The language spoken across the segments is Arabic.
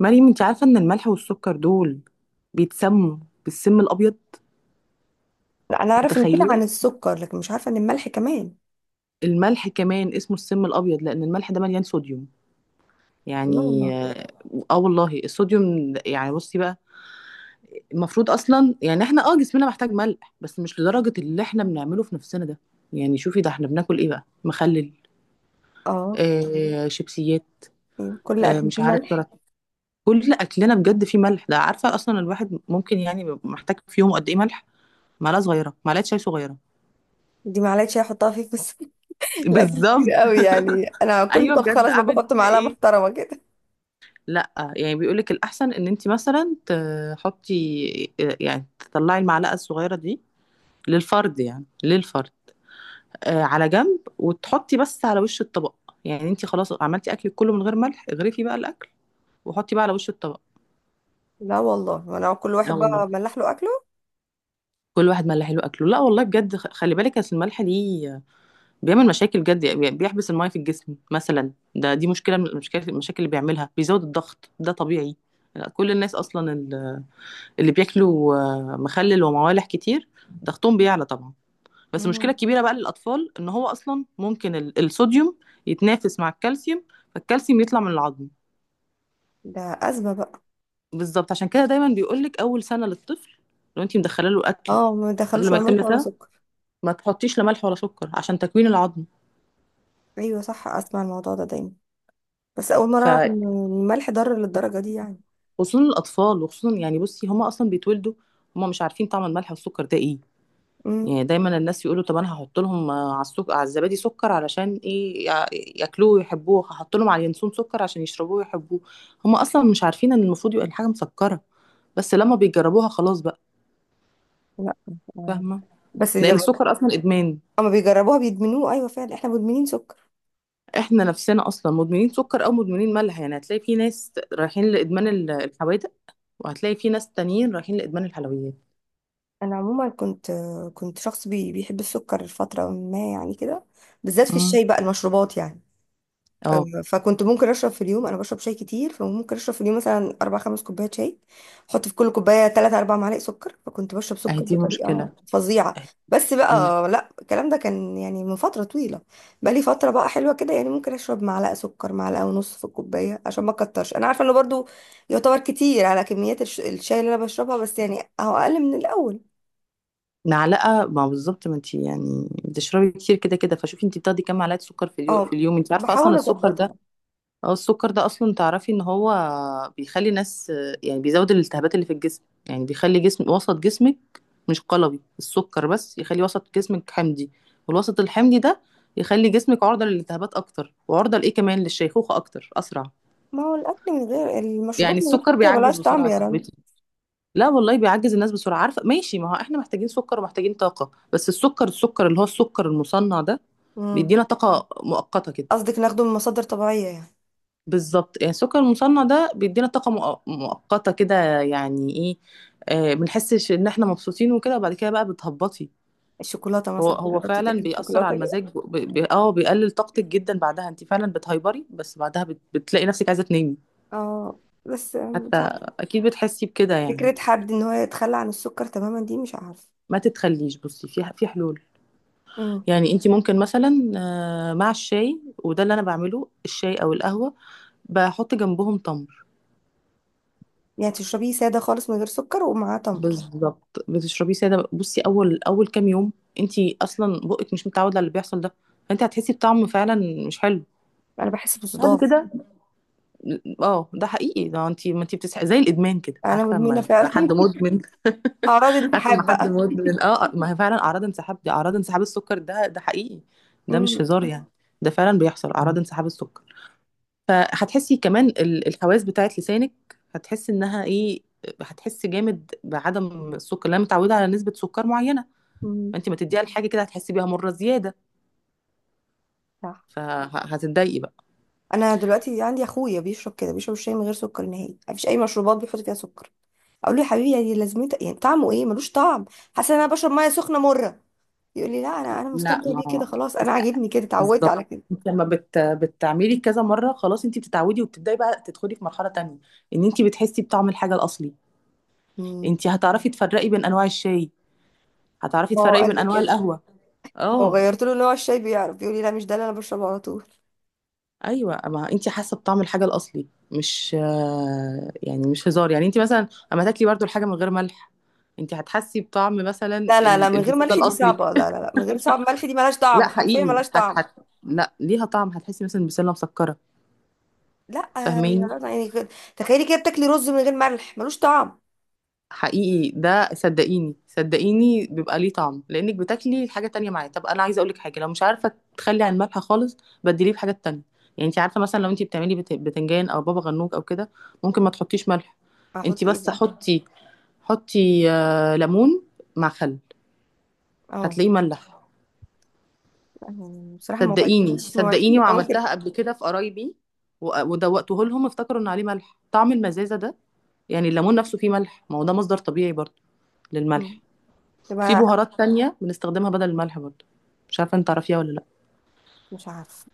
مريم، انت عارفة ان الملح والسكر دول بيتسموا بالسم الابيض. لا، انا اعرف ان كده متخيلة؟ عن السكر لكن مش عارفه ان الملح كمان. الملح كمان اسمه السم الابيض لان الملح ده مليان صوديوم، لا يعني والله. اه آه والله، الصوديوم يعني بصي بقى، المفروض اصلا يعني احنا جسمنا محتاج ملح بس مش لدرجة اللي احنا بنعمله في نفسنا ده. يعني شوفي، ده احنا بناكل ايه بقى؟ مخلل، اه. آه، شيبسيات، أيوة، كل آه، اكل مش فيه عارف ملح. كرات. كل اكلنا بجد فيه ملح. ده عارفة اصلا الواحد ممكن يعني بيبقى محتاج في يوم قد ايه ملح؟ معلقة صغيرة، معلقة شاي صغيرة. دي معلقه شاي احطها فيه بس. الاكل كتير بالظبط. قوي يعني انا كل ايوه طب بجد، خلاص ما اعمل بحط فيها معلقه ايه؟ محترمه كده. لا يعني بيقولك الاحسن ان انت مثلا تحطي، يعني تطلعي المعلقه الصغيره دي للفرد، يعني للفرد، آه، على جنب، وتحطي بس على وش الطبق. يعني انت خلاص عملتي اكلك كله من غير ملح، اغرفي بقى الاكل وحطي بقى على وش الطبق. لا والله، انا كل واحد اه والله، بقى ملح له اكله. كل واحد ملح له اكله. لا والله بجد، خلي بالك اصل الملح دي بيعمل مشاكل جد. يعني بيحبس الميه في الجسم مثلا، ده دي مشكله من المشاكل. المشاكل اللي بيعملها، بيزود الضغط ده طبيعي. لا، كل الناس اصلا اللي بياكلوا، آه، مخلل وموالح كتير، ضغطهم بيعلى طبعا. بس المشكله مم. الكبيره بقى للاطفال ان هو اصلا ممكن الصوديوم يتنافس مع الكالسيوم، فالكالسيوم يطلع من العظم. ده ازمه بقى. بالظبط، عشان كده دايما بيقولك اول سنه للطفل، لو انت مدخله له اكل اه ما قبل دخلوش ما ولا يتم ملح ولا سنه، سكر. ما تحطيش لا ملح ولا سكر عشان تكوين العظم. ايوه صح، اسمع الموضوع ده دايما. بس اول مره ف اعرف ان الملح ضار للدرجه دي يعني. خصوصا الاطفال، وخصوصا يعني بصي، هما اصلا بيتولدوا هما مش عارفين طعم الملح والسكر ده ايه. امم. يعني دايما الناس يقولوا، طب انا هحط لهم على السكر، على الزبادي سكر علشان ايه، ياكلوه ويحبوه، هحط لهم على اليانسون سكر عشان يشربوه ويحبوه. هم اصلا مش عارفين ان المفروض يبقى الحاجه مسكره، بس لما بيجربوها خلاص بقى. لا. آه. فاهمه. بس لان لما السكر اصلا ادمان. لما بيجربوها بيدمنوه، ايوه فعلا احنا مدمنين سكر. احنا نفسنا اصلا مدمنين سكر او مدمنين ملح. يعني هتلاقي في ناس رايحين لادمان الحوادق، وهتلاقي في ناس تانيين رايحين لادمان الحلويات. انا عموما كنت شخص بيحب السكر فتره ما يعني كده، بالذات في امم. الشاي بقى المشروبات يعني. اه. فكنت ممكن اشرب في اليوم، انا بشرب شاي كتير فممكن اشرب في اليوم مثلا اربع خمس كوبايات شاي. احط في كل كوبايه 3 4 معالق سكر، فكنت بشرب اهي سكر دي مشكله. بطريقه فظيعه. بس بقى لا، الكلام ده كان يعني من فتره طويله. بقى لي فتره بقى حلوه كده، يعني ممكن اشرب معلقه سكر، معلقه ونص في الكوبايه، عشان ما اكترش. انا عارفه انه برضو يعتبر كتير على كميات الشاي اللي انا بشربها، بس يعني اهو اقل من الاول. معلقه، ما بالظبط، ما انت يعني بتشربي كتير كده كده، فشوفي انت بتاخدي كام معلقه سكر في اليوم؟ في اه، اليوم؟ انت عارفه اصلا بحاول السكر ده، اظبطها. اه السكر ده اصلا تعرفي ان هو بيخلي الناس، يعني بيزود الالتهابات اللي في الجسم. يعني بيخلي جسم، وسط جسمك مش قلوي. السكر بس يخلي وسط جسمك حمضي، والوسط الحمضي ده يخلي جسمك عرضه للالتهابات اكتر، وعرضه لايه كمان، للشيخوخه اكتر، اسرع. ما هو الاكل من غير يعني المشروبات من غير السكر سكر بيعجز ملهاش بسرعه طعم يا يا رنا. صاحبتي. لا والله، بيعجز الناس بسرعة. عارفة، ماشي، ما هو احنا محتاجين سكر ومحتاجين طاقة، بس السكر اللي هو السكر المصنع ده امم. بيدينا طاقة مؤقتة كده. قصدك ناخده من مصادر طبيعيه يعني. بالظبط، يعني السكر المصنع ده بيدينا طاقة مؤقتة كده. يعني ايه؟ آه، بنحسش ان احنا مبسوطين وكده، وبعد كده بقى بتهبطي. الشوكولاته هو مثلا هو جربتي فعلا تاكلي بيأثر على الشوكولاته كده. المزاج، بيقلل طاقتك جدا بعدها. انت فعلا بتهيبري، بس بعدها بتلاقي نفسك عايزة تنامي. اه، بس حتى، مش عارفه اكيد بتحسي بكده يعني. فكره حد ان هو يتخلى عن السكر تماما، دي مش عارفه. ما تتخليش بصي، في حلول. امم. يعني انت ممكن مثلا، آه، مع الشاي، وده اللي انا بعمله، الشاي او القهوه بحط جنبهم تمر. يعني تشربيه ساده خالص من غير سكر ومعاه تمر. بالظبط، بتشربيه ساده. بصي اول اول كام يوم، انت اصلا بقك مش متعود على اللي بيحصل ده، فانت هتحسي بطعم فعلا مش حلو انا بحس بعد بصداع. كده. اه، ده حقيقي، ده انت ما انت بتصحي زي الادمان كده. انا عارفه مدمنه اما فعلا حد مدمن؟ اعراض عارفه اما التحاب حد بقى. مدمن؟ اه آه، ما هي فعلا اعراض انسحاب دي، اعراض انسحاب السكر ده. ده حقيقي، ده مش امم. هزار يعني. ده فعلا بيحصل اعراض انسحاب السكر. فهتحسي كمان الحواس بتاعت لسانك، هتحسي انها ايه، هتحسي جامد بعدم السكر. لأن متعوده على نسبه سكر معينه، امم. فانت ما تديها لحاجه كده هتحسي بيها مره زياده، صح. فهتتضايقي بقى. انا دلوقتي عندي اخويا بيشرب كده، بيشرب الشاي من غير سكر نهائي، مفيش اي مشروبات بيحط فيها سكر. اقول له يا حبيبي يعني لازمته، يعني طعمه ايه، ملوش طعم، حاسه ان انا بشرب ميه سخنه مره. يقول لي لا، انا لا، مستمتع بيه ما كده، خلاص انا است- عاجبني كده، اتعودت بالظبط. على كده. انت لما بتعملي كذا مره، خلاص انت بتتعودي، وبتبداي بقى تدخلي في مرحله تانية، ان انت بتحسي بطعم الحاجه الاصلي. امم. انت هتعرفي تفرقي بين انواع الشاي، هتعرفي هو تفرقي قال بين لي انواع كده، القهوه. لو اه. غيرت له نوع الشاي بيعرف يقول لي لا مش ده اللي انا بشربه على طول. ايوه، ما انت حاسه بطعم الحاجه الاصلي. مش آه، يعني مش هزار يعني، انت مثلا اما تاكلي برضو الحاجه من غير ملح، انت هتحسي بطعم مثلا لا لا لا، من غير البسله ملح دي الاصلي. صعبه، لا لا لا، من غير صعب ملح دي ملهاش طعم لا حرفيا حقيقي، ملهاش هت طعم. هت لا ليها طعم، هتحسي مثلا البسله مسكره. لا. يا فاهماني؟ رنا يعني كده- تخيلي كده بتاكلي رز من غير ملح ملوش طعم. حقيقي، ده صدقيني صدقيني، بيبقى ليه طعم لانك بتاكلي الحاجه تانية معاه. طب انا عايزه اقولك حاجه لو مش عارفه تخلي عن الملح خالص، بديليه بحاجه تانية. يعني انت عارفه مثلا لو انت بتعملي بتنجان او بابا غنوج او كده، ممكن ما تحطيش ملح، انت احط ايه بس بقى. حطي، حطي آه، ليمون مع خل، اه، هتلاقيه ملح. يعني بصراحه ما صدقيني وعدتكيش ما وعدتكيش صدقيني، أنا ممكن. وعملتها قبل كده في قرايبي، ودوقته لهم، افتكروا ان عليه ملح، طعم المزازه ده. يعني الليمون نفسه فيه ملح، ما هو ده مصدر طبيعي برضه مم. للملح. في تبقى. بهارات تانية بنستخدمها بدل الملح برضه، مش عارفه انت تعرفيها ولا لا. مش عارفه.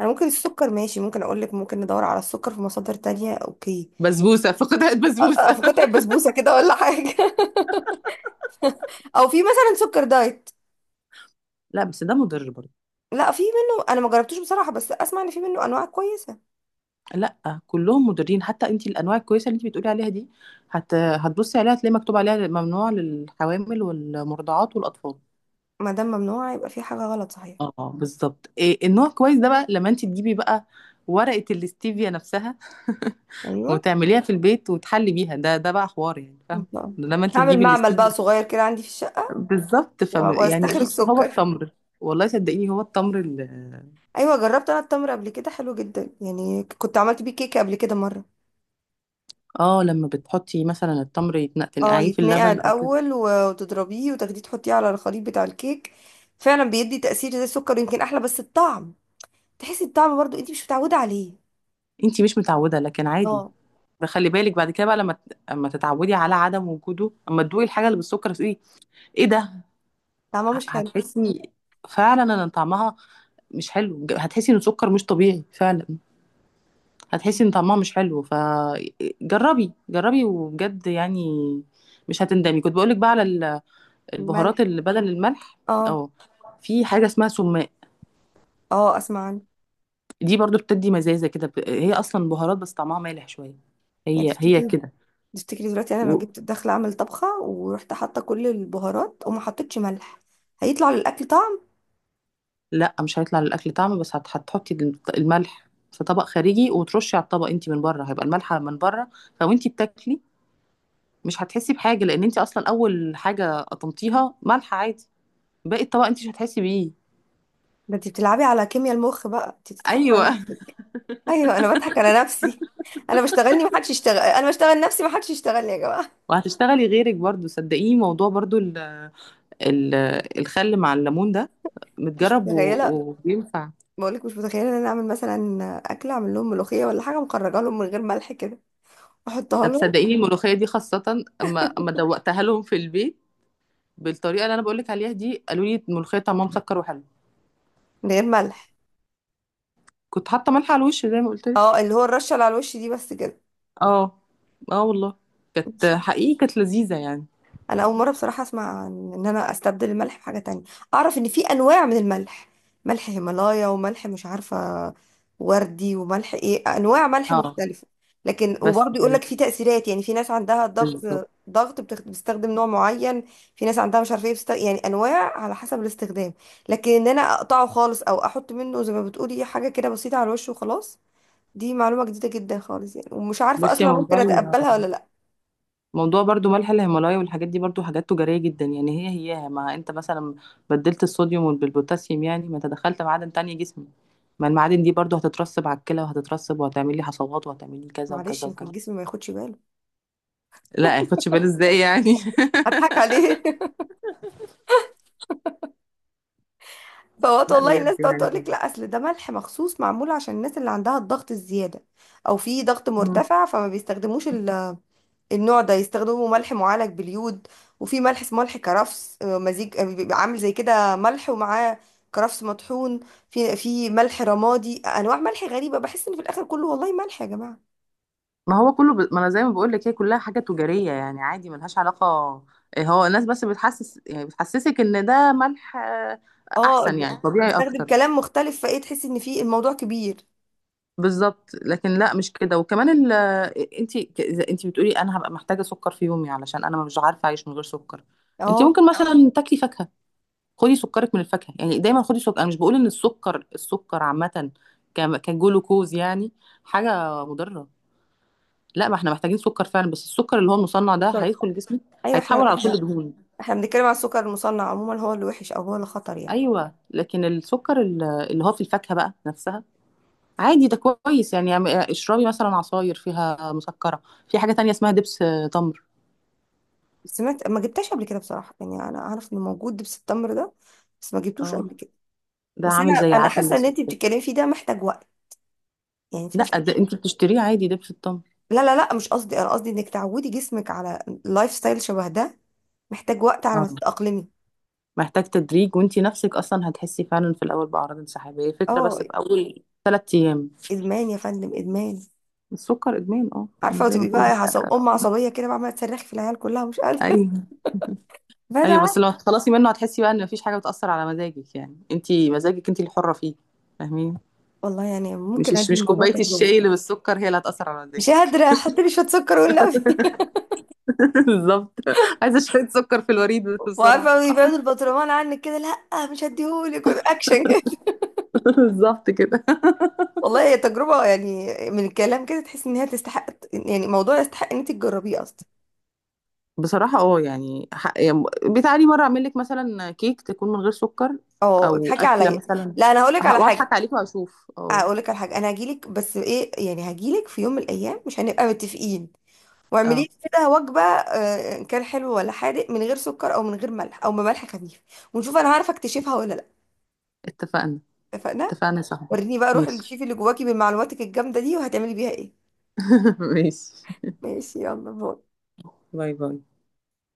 انا ممكن السكر ماشي، ممكن اقول لك ممكن ندور على السكر في مصادر تانية، اوكي. بسبوسه فقدت أ- بسبوسه. في قطع بسبوسه كده ولا حاجه؟ او في مثلا سكر دايت. لا بس ده مضر برضه. لا في منه، انا ما جربتوش بصراحه بس اسمع ان في منه انواع كويسه. لا كلهم مضرين. حتى انت الانواع الكويسه اللي انت بتقولي عليها دي، هتبصي عليها هتلاقي مكتوب عليها ممنوع للحوامل والمرضعات والاطفال. ما دام ممنوع يبقى في حاجه غلط صحيح. اه بالظبط. إيه النوع كويس ده بقى لما انت تجيبي بقى ورقة الاستيفيا نفسها، ايوه. وتعمليها في البيت وتحلي بيها؟ ده بقى حوار يعني، إن فاهم. شاء الله. لما انت هعمل تجيبي معمل الاستيفيا، بقى صغير كده عندي في الشقه بالظبط. ف و- يعني واستخرج بصي، هو سكر. التمر، والله صدقيني، هو التمر ايوه، جربت انا التمر قبل كده، حلو جدا يعني، كنت عملت بيه كيكه قبل كده مره. لما بتحطي مثلا التمر، اه، تنقعيه في يتنقع اللبن او كده. الاول وتضربيه وتاخديه تحطيه على الخليط بتاع الكيك، فعلا بيدي تاثير زي السكر، يمكن احلى، بس الطعم تحسي الطعم برضو انت مش متعوده عليه. انت مش متعودة، لكن عادي. اه. فخلي بالك بعد كده بقى، لما اما تتعودي على عدم وجوده، اما تدوقي الحاجة اللي بالسكر، تقولي ايه ده؟ طعمه مش حلو. هتحسي فعلا ان طعمها مش حلو، هتحسي ان سكر مش طبيعي فعلا. هتحسي ان طعمها مش حلو. فجربي، جربي وبجد يعني، مش هتندمي. كنت بقولك بقى على الملح. البهارات اللي بدل الملح. اه. اه. في حاجة اسمها سماق، اه اسمع عنه. دي برضو بتدي مزازة كده. هي اصلا بهارات بس طعمها مالح شوية. يعني هي هي تفتكري كده. تفتكري دلوقتي انا لو و... جبت داخله اعمل طبخه ورحت حاطه كل البهارات وما حطيتش ملح، هيطلع للاكل طعم؟ لا مش هيطلع للاكل طعم، بس هتحطي الملح في طبق خارجي وترشي على الطبق انت من بره. هيبقى الملح من بره، فوانتي بتاكلي مش هتحسي بحاجه، لان انت اصلا اول حاجه قطمتيها ملح عادي، باقي الطبق انت مش هتحسي بيه. ده انت بتلعبي على كيمياء المخ بقى، انت بتضحكي على ايوه. نفسك. ايوه. انا بضحك على نفسي، انا بشتغلني، ما حدش يشتغل انا، بشتغل نفسي ما حدش يشتغلني يا جماعه. وهتشتغلي غيرك برضو صدقيني. موضوع برضو ال ال الخل مع الليمون ده مش متجرب متخيله. وبينفع. بقولك مش متخيله ان انا اعمل مثلا اكل، اعمل لهم ملوخيه ولا حاجه مخرجه لهم من غير ملح كده، احطها طب لهم؟ صدقيني الملوخيه دي خاصه، اما اما دوقتها لهم في البيت بالطريقه اللي انا بقول لك عليها دي، قالوا لي الملوخيه طعمها مسكر وحلو. من غير ملح. كنت حاطه ملح على الوش زي ما قلت لك. اه، اللي هو الرشه اللي على الوش دي بس كده. اه. اه والله، كانت حقيقي كانت لذيذه يعني. انا اول مره بصراحه اسمع عن ان انا استبدل الملح بحاجه تانية، اعرف ان في انواع من الملح، ملح هيمالايا وملح مش عارفه وردي وملح ايه، انواع ملح اه مختلفه، لكن بس. وبرضه يقول لك في تاثيرات. يعني في ناس عندها ضغط، بالظبط، ضغط بتستخدم نوع معين. في ناس عندها مش عارفه ايه يعني انواع على حسب الاستخدام. لكن ان انا اقطعه خالص او احط منه زي ما بتقولي حاجه كده بسيطه على الوش وخلاص، دي معلومه جديده جدا خالص يعني، ومش عارفه بس يا اصلا ممكن موضوع اتقبلها ولا لا. موضوع برضو ملح الهيمالايا والحاجات دي برضو حاجات تجارية جدا. يعني هي هي، ما انت مثلا بدلت الصوديوم بالبوتاسيوم، يعني ما انت دخلت معادن تانية جسمي. ما المعادن دي برضو هتترسب على الكلى وهتترسب، وهتعمل لي حصوات، وهتعمل لي كذا معلش وكذا يمكن وكذا. جسمي ما ياخدش باله. لا يعني خدش بالي ازاي يعني. اضحك عليه فوات لا والله. الناس بجد تقعد يعني. تقول لك لا اصل ده ملح مخصوص معمول عشان الناس اللي عندها الضغط الزياده او في ضغط مم. مرتفع، فما بيستخدموش النوع ده، يستخدموا ملح معالج باليود. وفي ملح اسمه ملح كرفس، مزيج، بيبقى عامل زي كده ملح ومعاه كرفس مطحون. في ملح رمادي، انواع ملح غريبه، بحس ان في الاخر كله والله ملح يا جماعه. ما هو كله ما انا زي ما بقول لك، هي كلها حاجة تجارية يعني عادي، ملهاش علاقة. إيه، هو الناس بس بتحسس، يعني بتحسسك ان ده ملح آه، اه احسن، يعني طبيعي بيستخدم اكتر. كلام مختلف فايه تحس ان في الموضوع كبير. بالظبط، لكن لا مش كده. وكمان ال، انت انت بتقولي انا هبقى محتاجه سكر في يومي علشان انا مش عارفه اعيش من غير سكر. انت اه، ممكن مثلا تاكلي فاكهه، خدي سكرك من الفاكهه. يعني دايما خدي سكر، انا مش بقول ان السكر، السكر عامه كجلوكوز يعني، حاجه مضره. لا، ما احنا محتاجين سكر فعلا، بس السكر اللي هو المصنع ده هيدخل جسمك، ايوه هيتحول احنا على كل احنا دهون. احنا بنتكلم على السكر المصنع عموما، هو اللي وحش او هو اللي خطر يعني. ايوه. لكن السكر اللي هو في الفاكهه بقى نفسها عادي، ده كويس يعني. اشربي مثلا عصاير فيها مسكرة. في حاجة تانية اسمها دبس آه، تمر. سمعت، ما جبتهاش قبل كده بصراحه، يعني انا اعرف انه موجود دبس التمر ده بس ما جبتوش قبل اه، كده. ده بس انا عامل زي انا العسل حاسه ان الأسود انت كده. بتتكلمي فيه ده محتاج وقت، يعني انت لا، محتاجه. ده انت بتشتريه عادي، دبس التمر. لا لا لا، مش قصدي، انا قصدي انك تعودي جسمك على لايف ستايل شبه ده محتاج وقت على ما اه، تتاقلمي. محتاج تدريج. وانت نفسك اصلا هتحسي فعلا في الاول باعراض انسحاب، هي فكرة اه، بس في اول 3 ايام. ادمان يا فندم، ادمان. السكر ادمان، اه، انا عارفه، زي ما وتبقي بقول بقى لك. عصب ام عصبيه كده، بقى عماله تصرخي في العيال كلها ومش قادره ايوه. بدع. ايوه بس لما تخلصي منه، هتحسي بقى ان مفيش حاجة بتأثر على مزاجك. يعني انت مزاجك انت الحرة فيه. فاهمين. والله يعني ممكن مش ادي مش الموضوع كوباية تجربه. الشاي اللي بالسكر هي اللي هتأثر على مش مزاجك. قادره، حطيلي شويه سكر والنبي. بالظبط، عايزه شويه سكر في الوريد بسرعه. وعارفه، بيبعد البطرمان عنك كده، لا مش هديهولك اكشن كده. بالظبط كده. والله هي تجربه، يعني من الكلام كده تحس ان هي تستحق، يعني موضوع يستحق ان انت تجربيه اصلا. بصراحه اه يعني يعني بتعالي مره اعمل لك مثلا كيك تكون من غير سكر اه او اضحكي اكله عليا. مثلا، لا، انا هقولك على حاجه، واضحك عليك واشوف. اه. هقولك على حاجه. انا هجيلك، بس ايه يعني هجيلك في يوم من الايام مش هنبقى متفقين، واعملي اه لي كده وجبه ان كان حلو ولا حادق من غير سكر او من غير ملح او بملح خفيف، ونشوف انا هعرف اكتشفها ولا لا. اتفقنا. اتفقنا. اتفقنا يا صاحبي، وريني بقى روح ماشي. الشيف اللي جواكي بمعلوماتك الجامده دي، وهتعملي بيها ايه. ماشي، ماشي يلا باي. باي باي.